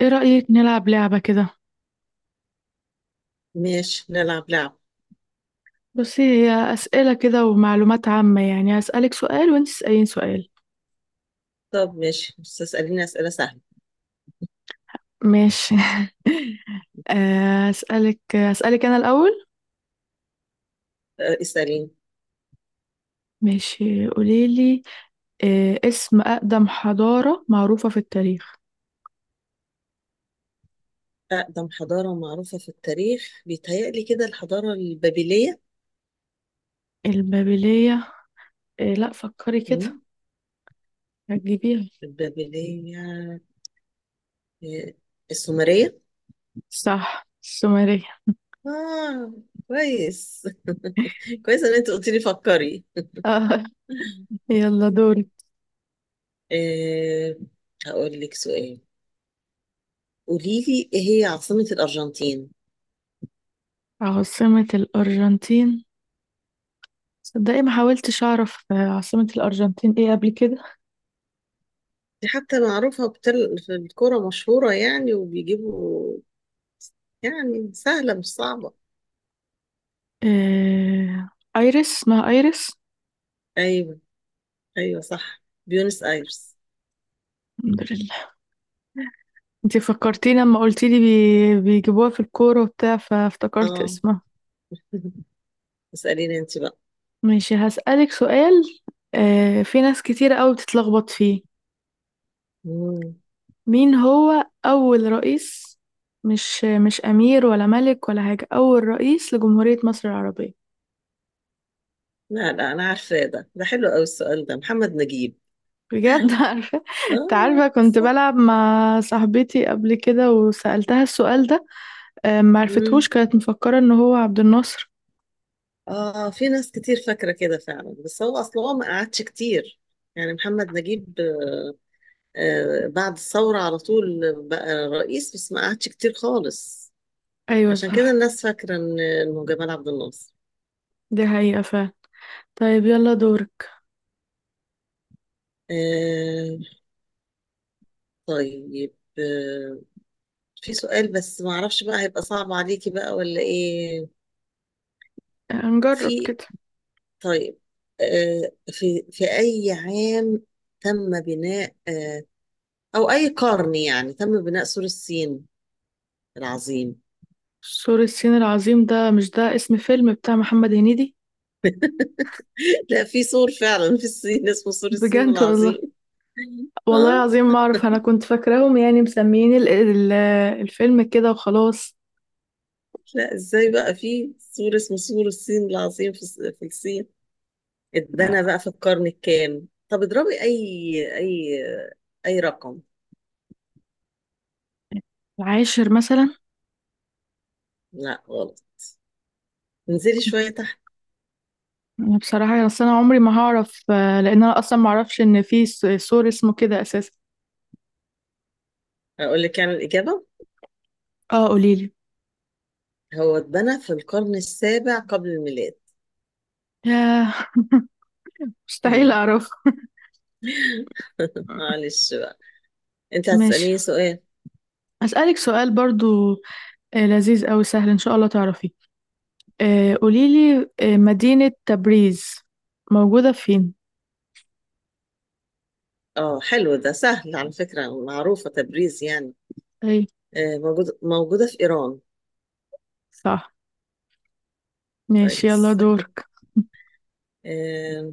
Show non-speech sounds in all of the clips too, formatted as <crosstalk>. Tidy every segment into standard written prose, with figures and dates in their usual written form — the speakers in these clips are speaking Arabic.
ايه رأيك نلعب لعبة كده؟ ماشي، نلعب لعب. بصي، هي أسئلة كده ومعلومات عامة، يعني هسألك سؤال وانت تسألين سؤال. طب ماشي، بس اسأليني أسئلة سهلة. ماشي. <laughs> آه، أسألك أسألك أنا الأول. أه، اسأليني. ماشي، قوليلي. اسم أقدم حضارة معروفة في التاريخ؟ أقدم حضارة معروفة في التاريخ بيتهيألي كده الحضارة البابلية. البابلية. لأ، فكري كده. مم؟ هتجيبيها. البابلية. أه، السومرية. صح، السومرية. آه. كويس. <laughs> كويس إن أنت قلت لي فكري. آه. <laughs> يلا دوري. أه، هقول لك سؤال. قولي لي، إيه هي عاصمة الأرجنتين؟ عاصمة الأرجنتين. صدقي، ما حاولتش أعرف عاصمة الأرجنتين ايه قبل كده. دي حتى معروفة، في الكورة مشهورة يعني وبيجيبوا. يعني سهلة مش صعبة. آه... ايريس، اسمها ايريس. أيوة. ايوه، صح، بيونس ايرس. الحمد لله. انتي فكرتيني لما قلتيلي بيجيبوها في الكورة وبتاع، فافتكرت اه. اسمها. <laughs> اساليني انت بقى. ماشي، هسألك سؤال. في ناس كتيرة قوي بتتلخبط فيه. مم. مين هو أول رئيس، مش أمير ولا ملك ولا حاجة، أول رئيس لجمهورية مصر العربية؟ لا، لا، انا عارفاه، ده حلو قوي السؤال ده، محمد نجيب. بجد؟ <laughs> عارفة. انت اه، عارفة، كنت صح. بلعب مع صاحبتي قبل كده وسألتها السؤال ده. مم. معرفتهوش، كانت مفكرة ان هو عبد الناصر. اه، في ناس كتير فاكره كده فعلا، بس هو اصلا هو ما قعدش كتير. يعني محمد نجيب. آه، بعد الثوره على طول بقى رئيس، بس ما قعدش كتير خالص. ايوه، عشان كده صح. الناس فاكره ان انه جمال عبد الناصر. دي حقيقة فعلا. طيب، يلا دورك. آه. طيب، في سؤال، بس ما اعرفش بقى، هيبقى صعب عليكي بقى ولا ايه؟ هنجرب في كده. طيب، في اي عام تم بناء، او اي قرن يعني، تم بناء سور الصين العظيم؟ سور الصين العظيم ده، مش ده اسم فيلم بتاع محمد هنيدي؟ <laughs> لا، في سور فعلا في الصين اسمه سور الصين بجد والله؟ العظيم. <laughs> والله اه. العظيم ما اعرف، انا كنت فاكراهم يعني مسميين الفيلم كده وخلاص. لا، ازاي بقى في سور اسمه سور الصين العظيم في في الصين. لا. اتبنى بقى في القرن الكام؟ طب اضربي اي اي رقم. العاشر مثلا. لا، غلط. انزلي شوية. انا بصراحة، اصل انا عمري ما هعرف، لان انا اصلا ما اعرفش ان في سور اسمه كده اساسا. أقول لك يعني الإجابة. اه، قوليلي. هو اتبنى في القرن السابع قبل الميلاد. ياه، مستحيل مم. اعرف. <laughs> معلش بقى. أنت ماشي، هتسأليني سؤال. اسألك سؤال برضو. لذيذ أوي، سهل ان شاء الله تعرفيه. قوليلي. مدينة تبريز موجودة فين؟ أه، حلو ده سهل على فكرة، معروفة تبريز يعني. اي. موجودة في إيران. صح. ماشي، يلا كويس. دورك. آه.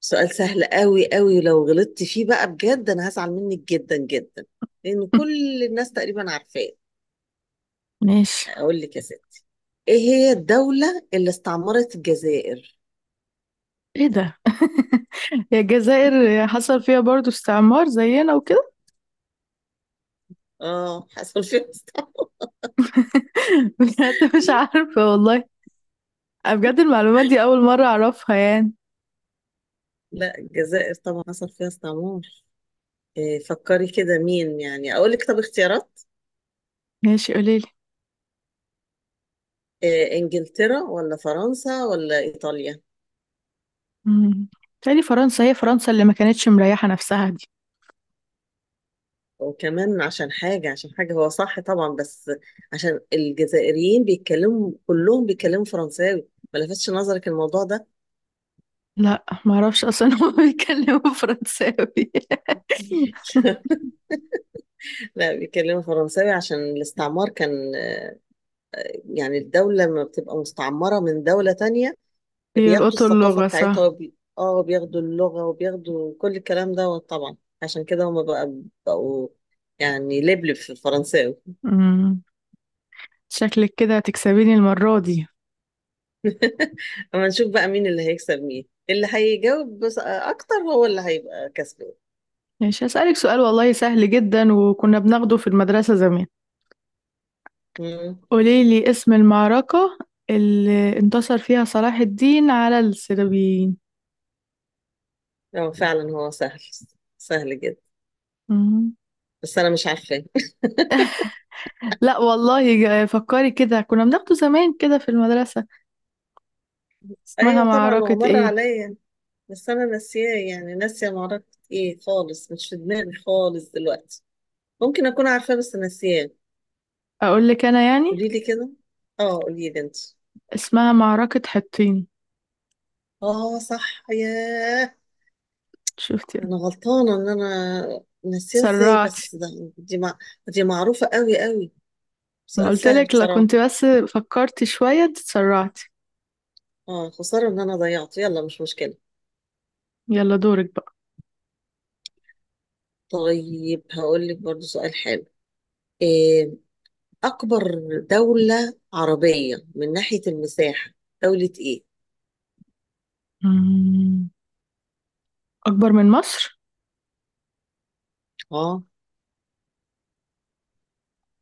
سؤال سهل قوي قوي، لو غلطت فيه بقى بجد أنا هزعل منك جدا جدا. لأن <laughs> كل الناس تقريبا عارفاه. ماشي. أقول لك يا ستي، إيه هي الدولة اللي استعمرت الجزائر؟ ايه ده؟ <laughs> هي الجزائر حصل فيها برضو استعمار زينا وكده؟ أه، حصل فيها استعمار. <laughs> بجد مش عارفة والله. أنا بجد المعلومات دي أول مرة أعرفها يعني. لا، الجزائر طبعا حصل فيها استعمار. إيه، فكري كده مين يعني، اقول لك، طب اختيارات. ماشي، قوليلي. إيه، انجلترا ولا فرنسا ولا ايطاليا؟ مم. تاني، فرنسا. هي فرنسا اللي ما كانتش مريحة نفسها دي. وكمان عشان حاجة، هو صح طبعا، بس عشان الجزائريين بيتكلموا، كلهم بيتكلموا فرنساوي، ما لفتش نظرك الموضوع ده؟ لا ما اعرفش اصلا هم <laughs> بيتكلموا فرنساوي. <laughs> لا، بيتكلموا فرنساوي عشان الاستعمار كان يعني الدولة لما بتبقى مستعمرة من دولة تانية، بياخدوا بيلقطوا الثقافة اللغة، بتاعتها، صح. بياخدوا اللغة وبياخدوا كل الكلام ده طبعا. عشان كده هما بقى، بقوا يعني لبلب في الفرنساوي. مم. شكلك كده هتكسبيني المرة دي. اما نشوف بقى مين اللي هيكسب، مين اللي هيجاوب بس اكتر هو اللي هيبقى كسبان. ماشي، هسألك سؤال والله سهل جدا وكنا بناخده في المدرسة زمان. مم. قوليلي اسم المعركة اللي انتصر فيها صلاح الدين على الصليبيين. اه، فعلا هو سهل، سهل جدا. مم. بس انا مش عارفاه. لا والله، فكري كده، كنا بناخده زمان كده في المدرسة. <laughs> اسمها ايوه، طبعا هو معركة مر ايه؟ عليا. بس انا ناسياه، يعني ناسيه معركة ايه خالص، مش في دماغي خالص دلوقتي. ممكن اكون عارفاه بس ناسياه. اقولك انا يعني. قولي لي كده. اه، قولي لي انت. اسمها معركة حطين. اه، صح، ياه. شفتي؟ انا غلطانه ان انا ناسيه ازاي، تسرعتي. بس ده دي مع... دي معروفه قوي قوي، سؤال سهل قلتلك لو بصراحه. كنت بس فكرتي شوية. تسرعتي. اه، خساره ان انا ضيعته، يلا مش مشكله. يلا دورك بقى. طيب، هقول لك برضو سؤال حلو. إيه، اكبر دوله عربيه من ناحيه المساحه، دوله ايه؟ مم. أكبر من مصر؟ اه.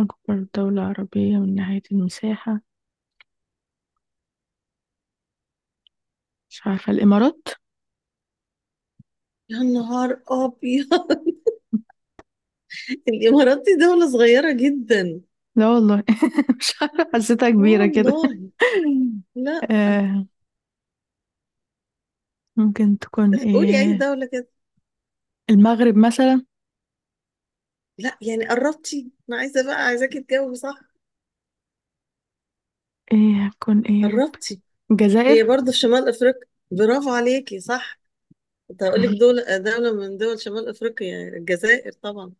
أكبر دولة عربية من ناحية المساحة. مش عارفة، الإمارات؟ يا نهار ابيض. <laughs> الامارات دي دوله صغيره جدا. لا والله. <laughs> مش عارفة، حسيتها آه، كبيرة كده. والله. لا. <laughs> آه. ممكن تكون قولي اي إيه؟ دوله كده. المغرب مثلا؟ لا، يعني قربتي، انا عايزه بقى عايزاكي تجاوبي صح. إيه هتكون إيه يا رب؟ قربتي. الجزائر. هي برضه في شمال افريقيا، برافو عليكي، صح. كنت هقول لك دول، دوله من دول شمال افريقيا، يعني الجزائر طبعا.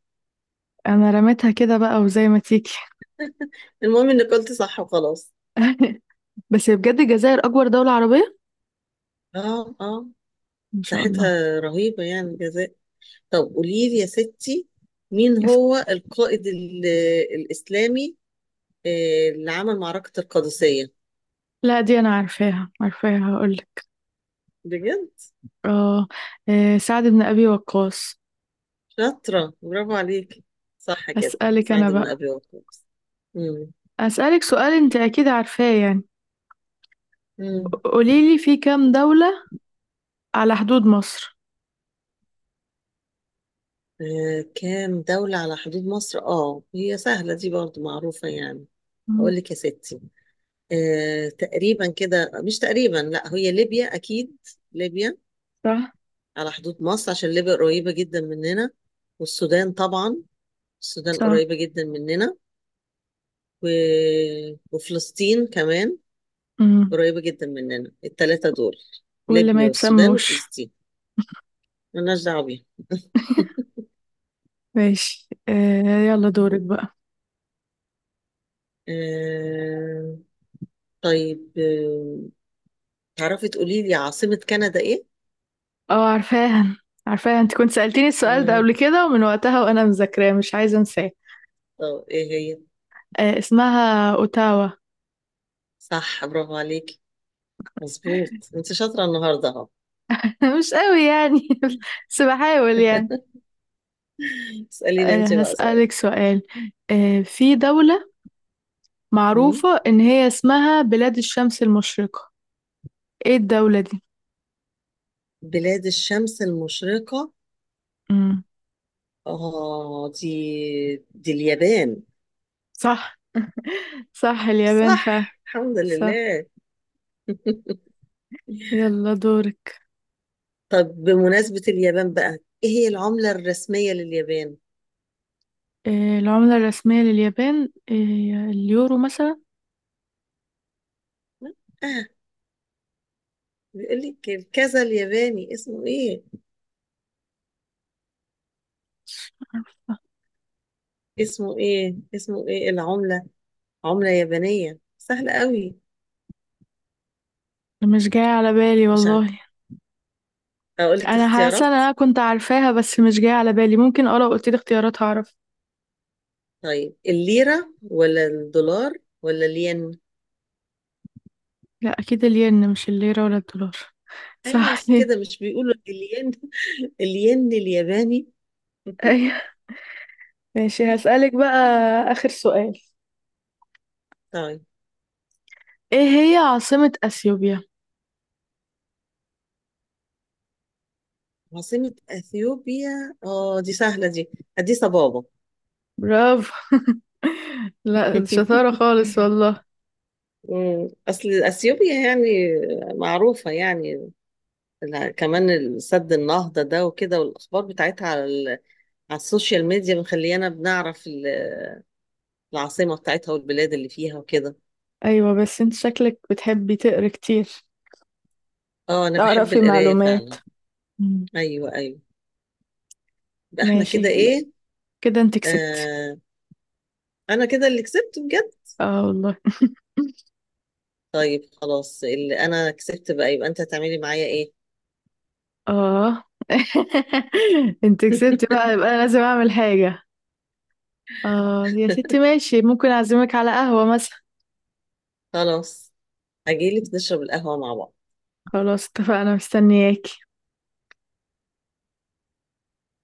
أنا رميتها كده بقى وزي ما تيجي. المهم انك قلتي صح وخلاص. <laughs> بس بجد الجزائر أكبر دولة عربية، اه، اه. إن شاء الله. مساحتها رهيبه يعني الجزائر. طب قولي لي يا ستي، مين يس. هو القائد الاسلامي، اللي عمل معركه القادسيه؟ لا، دي أنا عارفاها عارفاها، هقولك. بجد. آه. سعد بن أبي وقاص. شاطره، برافو عليكي. صح كده، أسألك سعد أنا بن بقى. ابي وقاص. أسألك سؤال أنت أكيد عارفاه يعني. امم. قوليلي، في كام دولة على حدود مصر؟ كام دولة على حدود مصر؟ اه، هي سهلة دي برضو، معروفة يعني. مم. أقول لك يا ستي، تقريبا كده، مش تقريبا، لا هي ليبيا أكيد. ليبيا صح. على حدود مصر عشان ليبيا قريبة جدا مننا. والسودان طبعا، السودان صح. قريبة جدا مننا. و... وفلسطين كمان مم. قريبة جدا مننا، التلاتة دول، واللي ما ليبيا والسودان يتسموش. وفلسطين. ملناش دعوة بيهم. ماشي، آه. يلا مم. دورك بقى. آه، طيب، تعرفي تقولي لي عاصمة كندا ايه؟ اه، عارفاها عارفاها، انت كنت سألتيني السؤال ده قبل مم. كده ومن وقتها وانا مذاكراه مش عايزة انساه. طب ايه هي؟ آه، اسمها اوتاوا. صح، برافو عليكي. مظبوط، انت شاطرة النهاردة اهو. <laughs> مش قوي يعني. <laughs> <laughs> بس بحاول يعني. اسأليني انت بقى سؤال. هسألك سؤال. في دولة مم. معروفة ان هي اسمها بلاد الشمس المشرقة. ايه الدولة دي؟ بلاد الشمس المشرقة، مم. اه، دي اليابان. صح. صح اليابان صح. فعلا. الحمد صح. لله. <laughs> يلا دورك. طب بمناسبة اليابان بقى، ايه هي العملة الرسمية لليابان؟ إيه العملة الرسمية لليابان؟ إيه، اليورو مثلا؟ اه، بيقول لك الكذا الياباني اسمه ايه؟ مش عارفة، اسمه ايه؟ اسمه ايه العملة؟ عملة يابانية سهلة قوي. مش جاية على بالي مش عارفة. والله. أقول لك أنا حاسة إن اختيارات. أنا كنت عارفاها بس مش جاية على بالي، ممكن أقرأ قلت لي اختيارات هعرف. طيب، الليرة ولا الدولار ولا الين؟ لا، أكيد الين مش الليرة ولا الدولار. <laughs> أيوة، صح بس ليه. كده مش بيقولوا الين. <laughs> الين الياباني. أيوه، ماشي، هسألك بقى آخر سؤال. طيب، إيه هي عاصمة أثيوبيا؟ عاصمة أثيوبيا، اه دي سهلة دي، أديس أبابا. برافو. <laughs> لا، شطارة <laughs> خالص والله. مم. أصل أثيوبيا يعني معروفة يعني. لا، كمان سد النهضة ده وكده، والأخبار بتاعتها على السوشيال ميديا مخليانا بنعرف العاصمة بتاعتها والبلاد اللي فيها وكده. أيوة بس أنت شكلك بتحبي تقري كتير، اه، انا بحب تعرفي القراية معلومات. فعلا. مم. ايوه، ايوه. يبقى احنا كده ماشي، ايه؟ كده انت كسبت. آه، انا كده اللي كسبت بجد. اه والله. طيب خلاص، اللي انا كسبت بقى، يبقى انت هتعملي معايا ايه؟ اه. <laughs> انت كسبت <laughs> بقى يبقى انا لازم اعمل حاجة. اه يا ستي، ماشي، ممكن اعزمك على قهوة مثلا. خلاص، هجيلك نشرب القهوة مع بعض. خلاص، اتفقنا، مستنياك.